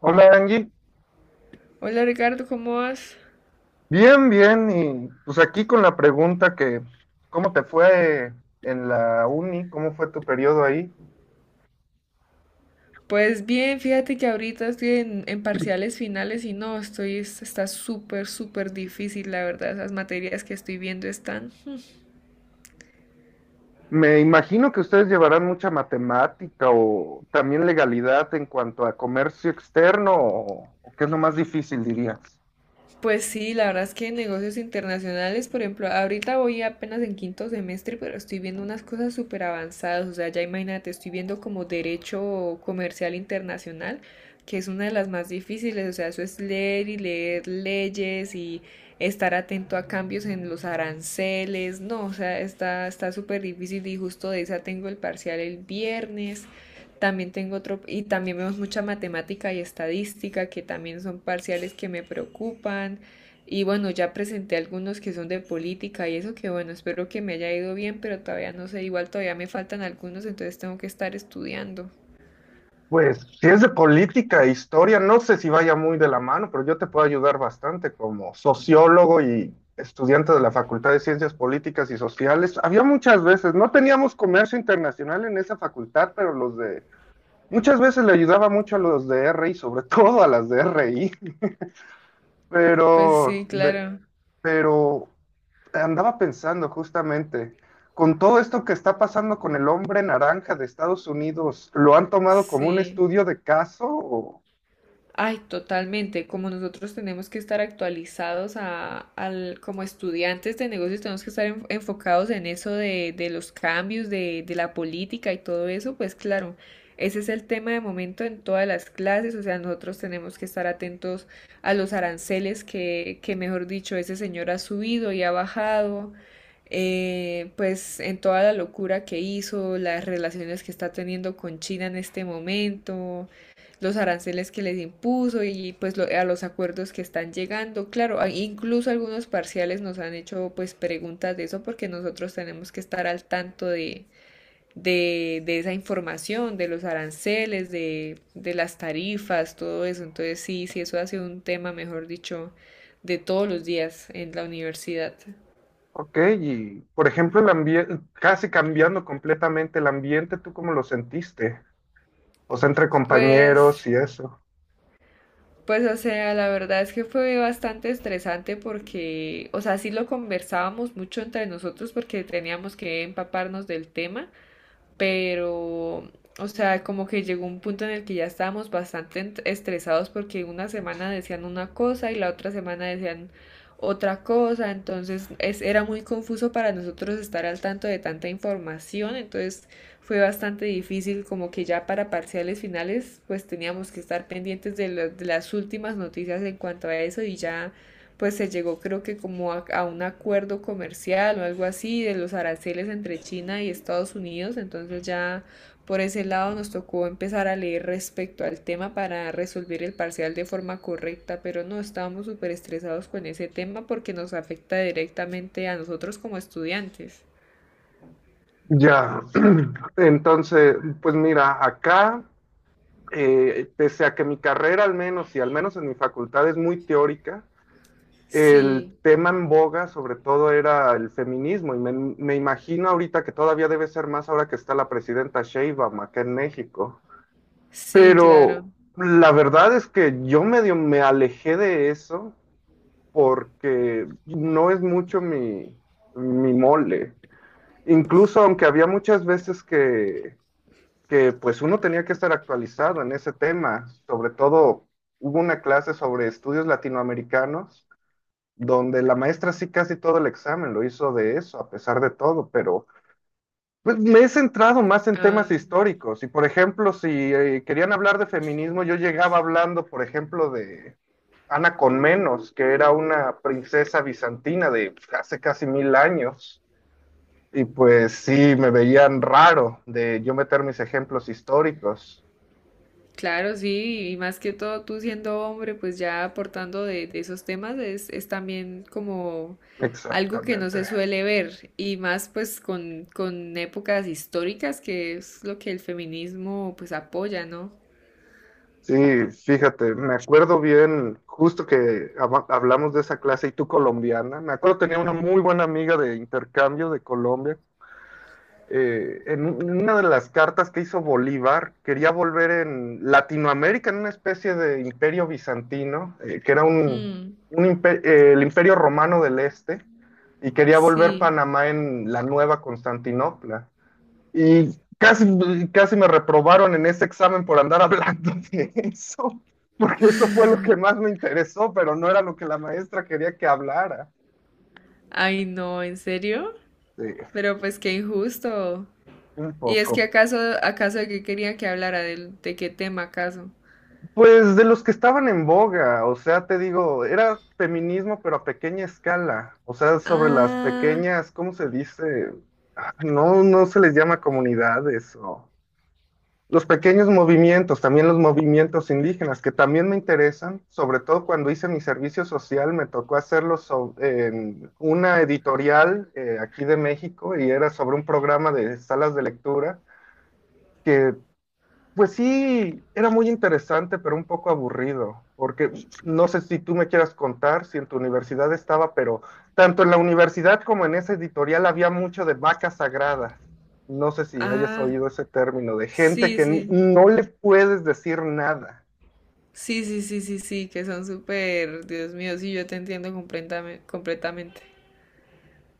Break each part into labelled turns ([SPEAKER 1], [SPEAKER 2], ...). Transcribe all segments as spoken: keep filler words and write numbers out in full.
[SPEAKER 1] Hola Angie,
[SPEAKER 2] Hola Ricardo, ¿cómo vas?
[SPEAKER 1] bien, bien, y pues aquí con la pregunta que, ¿cómo te fue en la uni? ¿Cómo fue tu periodo ahí?
[SPEAKER 2] Pues bien, fíjate que ahorita estoy en, en parciales finales y no, estoy, es- está súper, súper difícil, la verdad, esas materias que estoy viendo están.
[SPEAKER 1] Me imagino que ustedes llevarán mucha matemática o también legalidad en cuanto a comercio externo, o, o qué es lo más difícil, dirías.
[SPEAKER 2] Pues sí, la verdad es que negocios internacionales, por ejemplo, ahorita voy apenas en quinto semestre, pero estoy viendo unas cosas súper avanzadas, o sea, ya imagínate, estoy viendo como derecho comercial internacional, que es una de las más difíciles, o sea, eso es leer y leer leyes y estar atento a cambios en los aranceles, no, o sea, está está súper difícil y justo de esa tengo el parcial el viernes. También tengo otro, y también vemos mucha matemática y estadística, que también son parciales que me preocupan. Y bueno, ya presenté algunos que son de política y eso que bueno, espero que me haya ido bien, pero todavía no sé, igual todavía me faltan algunos, entonces tengo que estar estudiando.
[SPEAKER 1] Pues si es de política e historia, no sé si vaya muy de la mano, pero yo te puedo ayudar bastante como sociólogo y estudiante de la Facultad de Ciencias Políticas y Sociales. Había muchas veces, no teníamos comercio internacional en esa facultad, pero los de, muchas veces le ayudaba mucho a los de R I, sobre todo a las de R I,
[SPEAKER 2] Pues sí,
[SPEAKER 1] pero de-
[SPEAKER 2] claro.
[SPEAKER 1] pero andaba pensando justamente, con todo esto que está pasando con el hombre naranja de Estados Unidos, ¿lo han tomado como un
[SPEAKER 2] Sí.
[SPEAKER 1] estudio de caso? O,
[SPEAKER 2] Ay, totalmente. Como nosotros tenemos que estar actualizados a, al, como estudiantes de negocios, tenemos que estar en- enfocados en eso de, de los cambios, de, de la política y todo eso, pues claro, ese es el tema de momento en todas las clases. O sea, nosotros tenemos que estar atentos a los aranceles que, que mejor dicho, ese señor ha subido y ha bajado. Eh, pues en toda la locura que hizo, las relaciones que está teniendo con China en este momento, los aranceles que les impuso y pues lo- a los acuerdos que están llegando. Claro, incluso algunos parciales nos han hecho pues preguntas de eso porque nosotros tenemos que estar al tanto de, de, de esa información, de los aranceles, de, de las tarifas, todo eso. Entonces sí, sí, eso ha sido un tema, mejor dicho, de todos los días en la universidad.
[SPEAKER 1] ok, y por ejemplo, el ambiente, casi cambiando completamente el ambiente, ¿tú cómo lo sentiste? O sea, entre
[SPEAKER 2] Pues.
[SPEAKER 1] compañeros y eso.
[SPEAKER 2] Pues, o sea, la verdad es que fue bastante estresante porque, o sea, sí lo conversábamos mucho entre nosotros porque teníamos que empaparnos del tema, pero, o sea, como que llegó un punto en el que ya estábamos bastante ent- estresados porque una semana decían una cosa y la otra semana decían otra cosa, entonces es, era muy confuso para nosotros estar al tanto de tanta información, entonces fue bastante difícil, como que ya para parciales finales, pues teníamos que estar pendientes de, lo- de las últimas noticias en cuanto a eso y ya pues se llegó creo que como a, a, un acuerdo comercial o algo así de los aranceles entre China y Estados Unidos, entonces ya por ese lado nos tocó empezar a leer respecto al tema para resolver el parcial de forma correcta, pero no estábamos súper estresados con ese tema porque nos afecta directamente a nosotros como estudiantes.
[SPEAKER 1] Ya, entonces, pues mira, acá, eh, pese a que mi carrera al menos, y al menos en mi facultad es muy teórica, el
[SPEAKER 2] Sí,
[SPEAKER 1] tema en boga sobre todo era el feminismo y me, me imagino ahorita que todavía debe ser más ahora que está la presidenta Sheinbaum acá en México.
[SPEAKER 2] sí, claro.
[SPEAKER 1] Pero la verdad es que yo medio me alejé de eso porque no es mucho mi, mi mole. Incluso aunque había muchas veces que, que pues uno tenía que estar actualizado en ese tema, sobre todo hubo una clase sobre estudios latinoamericanos donde la maestra sí casi todo el examen lo hizo de eso, a pesar de todo, pero pues, me he centrado más en temas
[SPEAKER 2] Ah.
[SPEAKER 1] históricos. Y por ejemplo, si eh, querían hablar de feminismo, yo llegaba hablando, por ejemplo, de Ana Conmenos, que era una princesa bizantina de hace casi mil años. Y pues sí, me veían raro de yo meter mis ejemplos históricos.
[SPEAKER 2] Claro, sí, y más que todo tú siendo hombre, pues ya aportando de, de esos temas es, es también como algo que no
[SPEAKER 1] Exactamente.
[SPEAKER 2] se suele ver, y más pues con, con épocas históricas, que es lo que el feminismo pues apoya, ¿no?
[SPEAKER 1] Sí, fíjate, me acuerdo bien, justo que hab- hablamos de esa clase y tú colombiana, me acuerdo tenía una muy buena amiga de intercambio de Colombia, eh, en un- en una de las cartas que hizo Bolívar, quería volver en Latinoamérica, en una especie de imperio bizantino, eh, que era un,
[SPEAKER 2] Mm,
[SPEAKER 1] un impe- eh, el imperio romano del este, y quería volver
[SPEAKER 2] sí.
[SPEAKER 1] Panamá en la nueva Constantinopla. Y casi, casi me reprobaron en ese examen por andar hablando de eso, porque eso fue lo que más me interesó, pero no era lo que la maestra quería que hablara.
[SPEAKER 2] Ay, no, ¿en serio?
[SPEAKER 1] Sí,
[SPEAKER 2] Pero pues qué injusto.
[SPEAKER 1] un
[SPEAKER 2] ¿Y es
[SPEAKER 1] poco.
[SPEAKER 2] que acaso, acaso de qué querían que hablara? ¿De, de qué tema acaso?
[SPEAKER 1] Pues de los que estaban en boga, o sea, te digo, era feminismo, pero a pequeña escala, o sea, sobre las
[SPEAKER 2] Ah,
[SPEAKER 1] pequeñas, ¿cómo se dice? Ah, no, no se les llama comunidades o los pequeños movimientos, también los movimientos indígenas, que también me interesan, sobre todo cuando hice mi servicio social, me tocó hacerlo so- en una editorial eh, aquí de México y era sobre un programa de salas de lectura que pues sí, era muy interesante, pero un poco aburrido, porque no sé si tú me quieras contar si en tu universidad estaba, pero tanto en la universidad como en esa editorial había mucho de vacas sagradas. No sé si hayas
[SPEAKER 2] ah,
[SPEAKER 1] oído ese término, de gente
[SPEAKER 2] sí,
[SPEAKER 1] que n-
[SPEAKER 2] sí.
[SPEAKER 1] no le puedes decir nada.
[SPEAKER 2] Sí, sí, sí, sí, sí, que son súper, Dios mío, sí, yo te entiendo completame- completamente.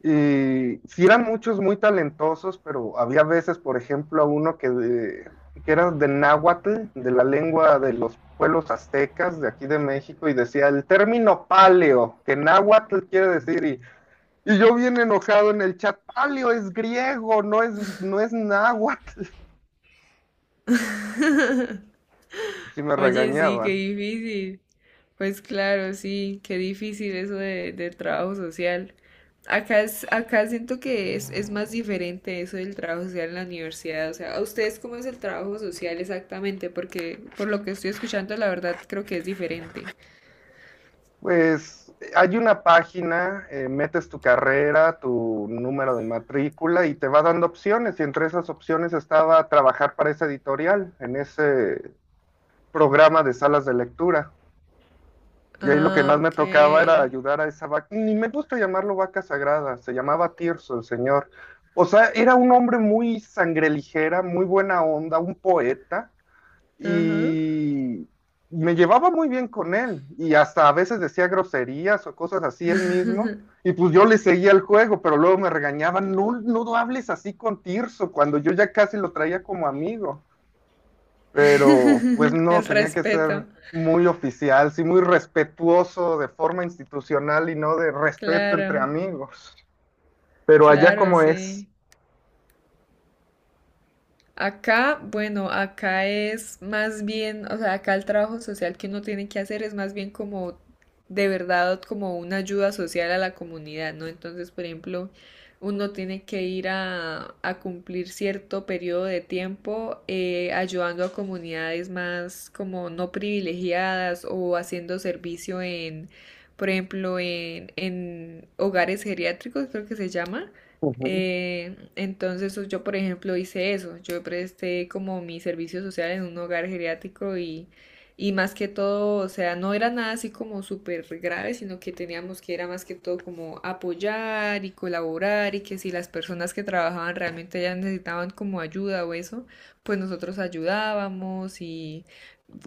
[SPEAKER 1] Y sí eran muchos muy talentosos, pero había veces, por ejemplo, a uno que, de- que era de náhuatl, de la lengua de los pueblos aztecas de aquí de México, y decía el término paleo, que náhuatl quiere decir, y, y yo bien enojado en el chat, paleo es griego, no es, no es náhuatl. Y sí me
[SPEAKER 2] Oye, sí, qué
[SPEAKER 1] regañaban.
[SPEAKER 2] difícil. Pues claro, sí, qué difícil eso de, del trabajo social. Acá es, acá siento que es, es más diferente eso del trabajo social en la universidad. O sea, ¿a ustedes cómo es el trabajo social exactamente? Porque por lo que estoy escuchando, la verdad creo que es diferente.
[SPEAKER 1] Pues hay una página, eh, metes tu carrera, tu número de matrícula y te va dando opciones. Y entre esas opciones estaba trabajar para esa editorial, en ese programa de salas de lectura. Y ahí lo que más
[SPEAKER 2] Ah,
[SPEAKER 1] me
[SPEAKER 2] ok.
[SPEAKER 1] tocaba era ayudar a esa vaca, ni me gusta llamarlo vaca sagrada, se llamaba Tirso el señor. O sea, era un hombre muy sangre ligera, muy buena onda, un poeta
[SPEAKER 2] Ajá.
[SPEAKER 1] y me llevaba muy bien con él y hasta a veces decía groserías o cosas así él mismo y pues yo le seguía el juego, pero luego me regañaban, no, no hables así con Tirso cuando yo ya casi lo traía como amigo, pero pues no,
[SPEAKER 2] El
[SPEAKER 1] tenía que ser
[SPEAKER 2] respeto.
[SPEAKER 1] muy oficial, sí, muy respetuoso de forma institucional y no de respeto entre
[SPEAKER 2] Claro,
[SPEAKER 1] amigos, pero allá
[SPEAKER 2] claro,
[SPEAKER 1] como es.
[SPEAKER 2] sí. Acá, bueno, acá es más bien, o sea, acá el trabajo social que uno tiene que hacer es más bien como de verdad como una ayuda social a la comunidad, ¿no? Entonces, por ejemplo, uno tiene que ir a, a cumplir cierto periodo de tiempo eh, ayudando a comunidades más como no privilegiadas o haciendo servicio en, por ejemplo, en, en hogares geriátricos, creo que se llama.
[SPEAKER 1] Ujú.
[SPEAKER 2] Eh, entonces pues, yo, por ejemplo, hice eso. Yo presté como mi servicio social en un hogar geriátrico y, y más que todo, o sea, no era nada así como súper grave, sino que teníamos que era más que todo como apoyar y colaborar y que si las personas que trabajaban realmente ya necesitaban como ayuda o eso, pues nosotros ayudábamos y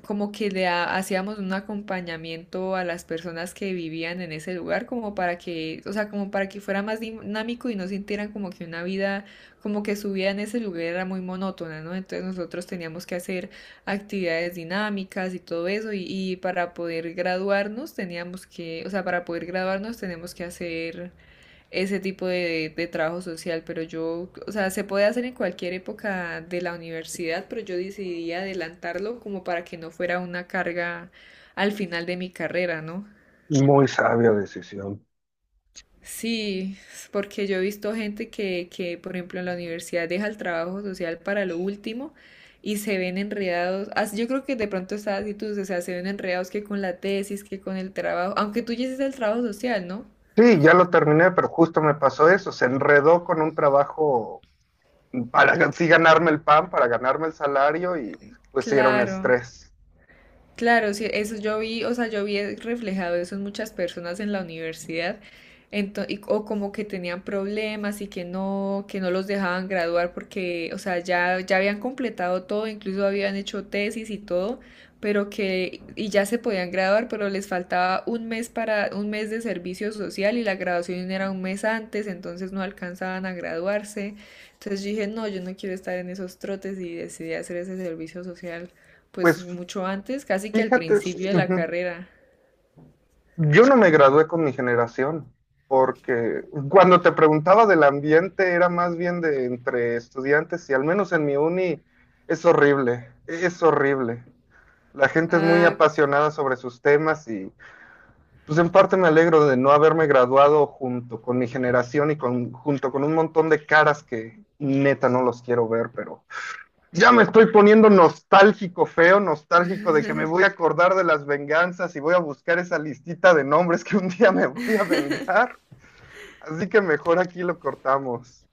[SPEAKER 2] como que le ha- hacíamos un acompañamiento a las personas que vivían en ese lugar, como para que, o sea, como para que fuera más dinámico y no sintieran como que una vida, como que su vida en ese lugar era muy monótona, ¿no? Entonces nosotros teníamos que hacer actividades dinámicas y todo eso, y, y para poder graduarnos teníamos que, o sea, para poder graduarnos tenemos que hacer ese tipo de, de trabajo social, pero yo, o sea, se puede hacer en cualquier época de la universidad, pero yo decidí adelantarlo como para que no fuera una carga al final de mi carrera, ¿no?
[SPEAKER 1] Muy sabia decisión.
[SPEAKER 2] Sí, porque yo he visto gente que, que, por ejemplo, en la universidad deja el trabajo social para lo último y se ven enredados. as- Yo creo que de pronto esa actitud, o sea, se ven enredados que con la tesis, que con el trabajo, aunque tú ya hiciste el trabajo social, ¿no?
[SPEAKER 1] Sí, ya lo terminé, pero justo me pasó eso. Se enredó con un trabajo para gan- sí ganarme el pan, para ganarme el salario y pues sí era un
[SPEAKER 2] Claro.
[SPEAKER 1] estrés.
[SPEAKER 2] Claro, sí, eso yo vi, o sea, yo vi reflejado eso en muchas personas en la universidad, ento- y- o como que tenían problemas y que no, que no los dejaban graduar porque, o sea, ya, ya habían completado todo, incluso habían hecho tesis y todo, pero que, y ya se podían graduar, pero les faltaba un mes para, un mes de servicio social y la graduación era un mes antes, entonces no alcanzaban a graduarse. Entonces yo dije, no, yo no quiero estar en esos trotes y decidí hacer ese servicio social pues
[SPEAKER 1] Pues
[SPEAKER 2] mucho antes, casi que al
[SPEAKER 1] fíjate,
[SPEAKER 2] principio de la
[SPEAKER 1] ujú,
[SPEAKER 2] carrera.
[SPEAKER 1] yo no me gradué con mi generación, porque cuando te preguntaba del ambiente era más bien de entre estudiantes y al menos en mi uni es horrible, es horrible. La gente es muy
[SPEAKER 2] Ah,
[SPEAKER 1] apasionada sobre sus temas y pues en parte me alegro de no haberme graduado junto con mi generación y con, junto con un montón de caras que neta no los quiero ver, pero ya me estoy poniendo nostálgico, feo, nostálgico de que me voy a acordar de las venganzas y voy a buscar esa listita de nombres que un día me voy a vengar. Así que mejor aquí lo cortamos.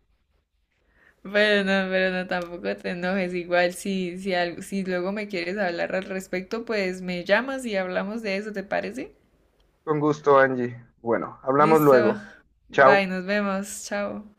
[SPEAKER 2] pero no, pero no, tampoco te enojes. Igual si, si, al- si luego me quieres hablar al respecto, pues me llamas y hablamos de eso, ¿te parece?
[SPEAKER 1] Con gusto, Angie. Bueno, hablamos
[SPEAKER 2] Listo.
[SPEAKER 1] luego.
[SPEAKER 2] Bye,
[SPEAKER 1] Chao.
[SPEAKER 2] nos vemos. Chao.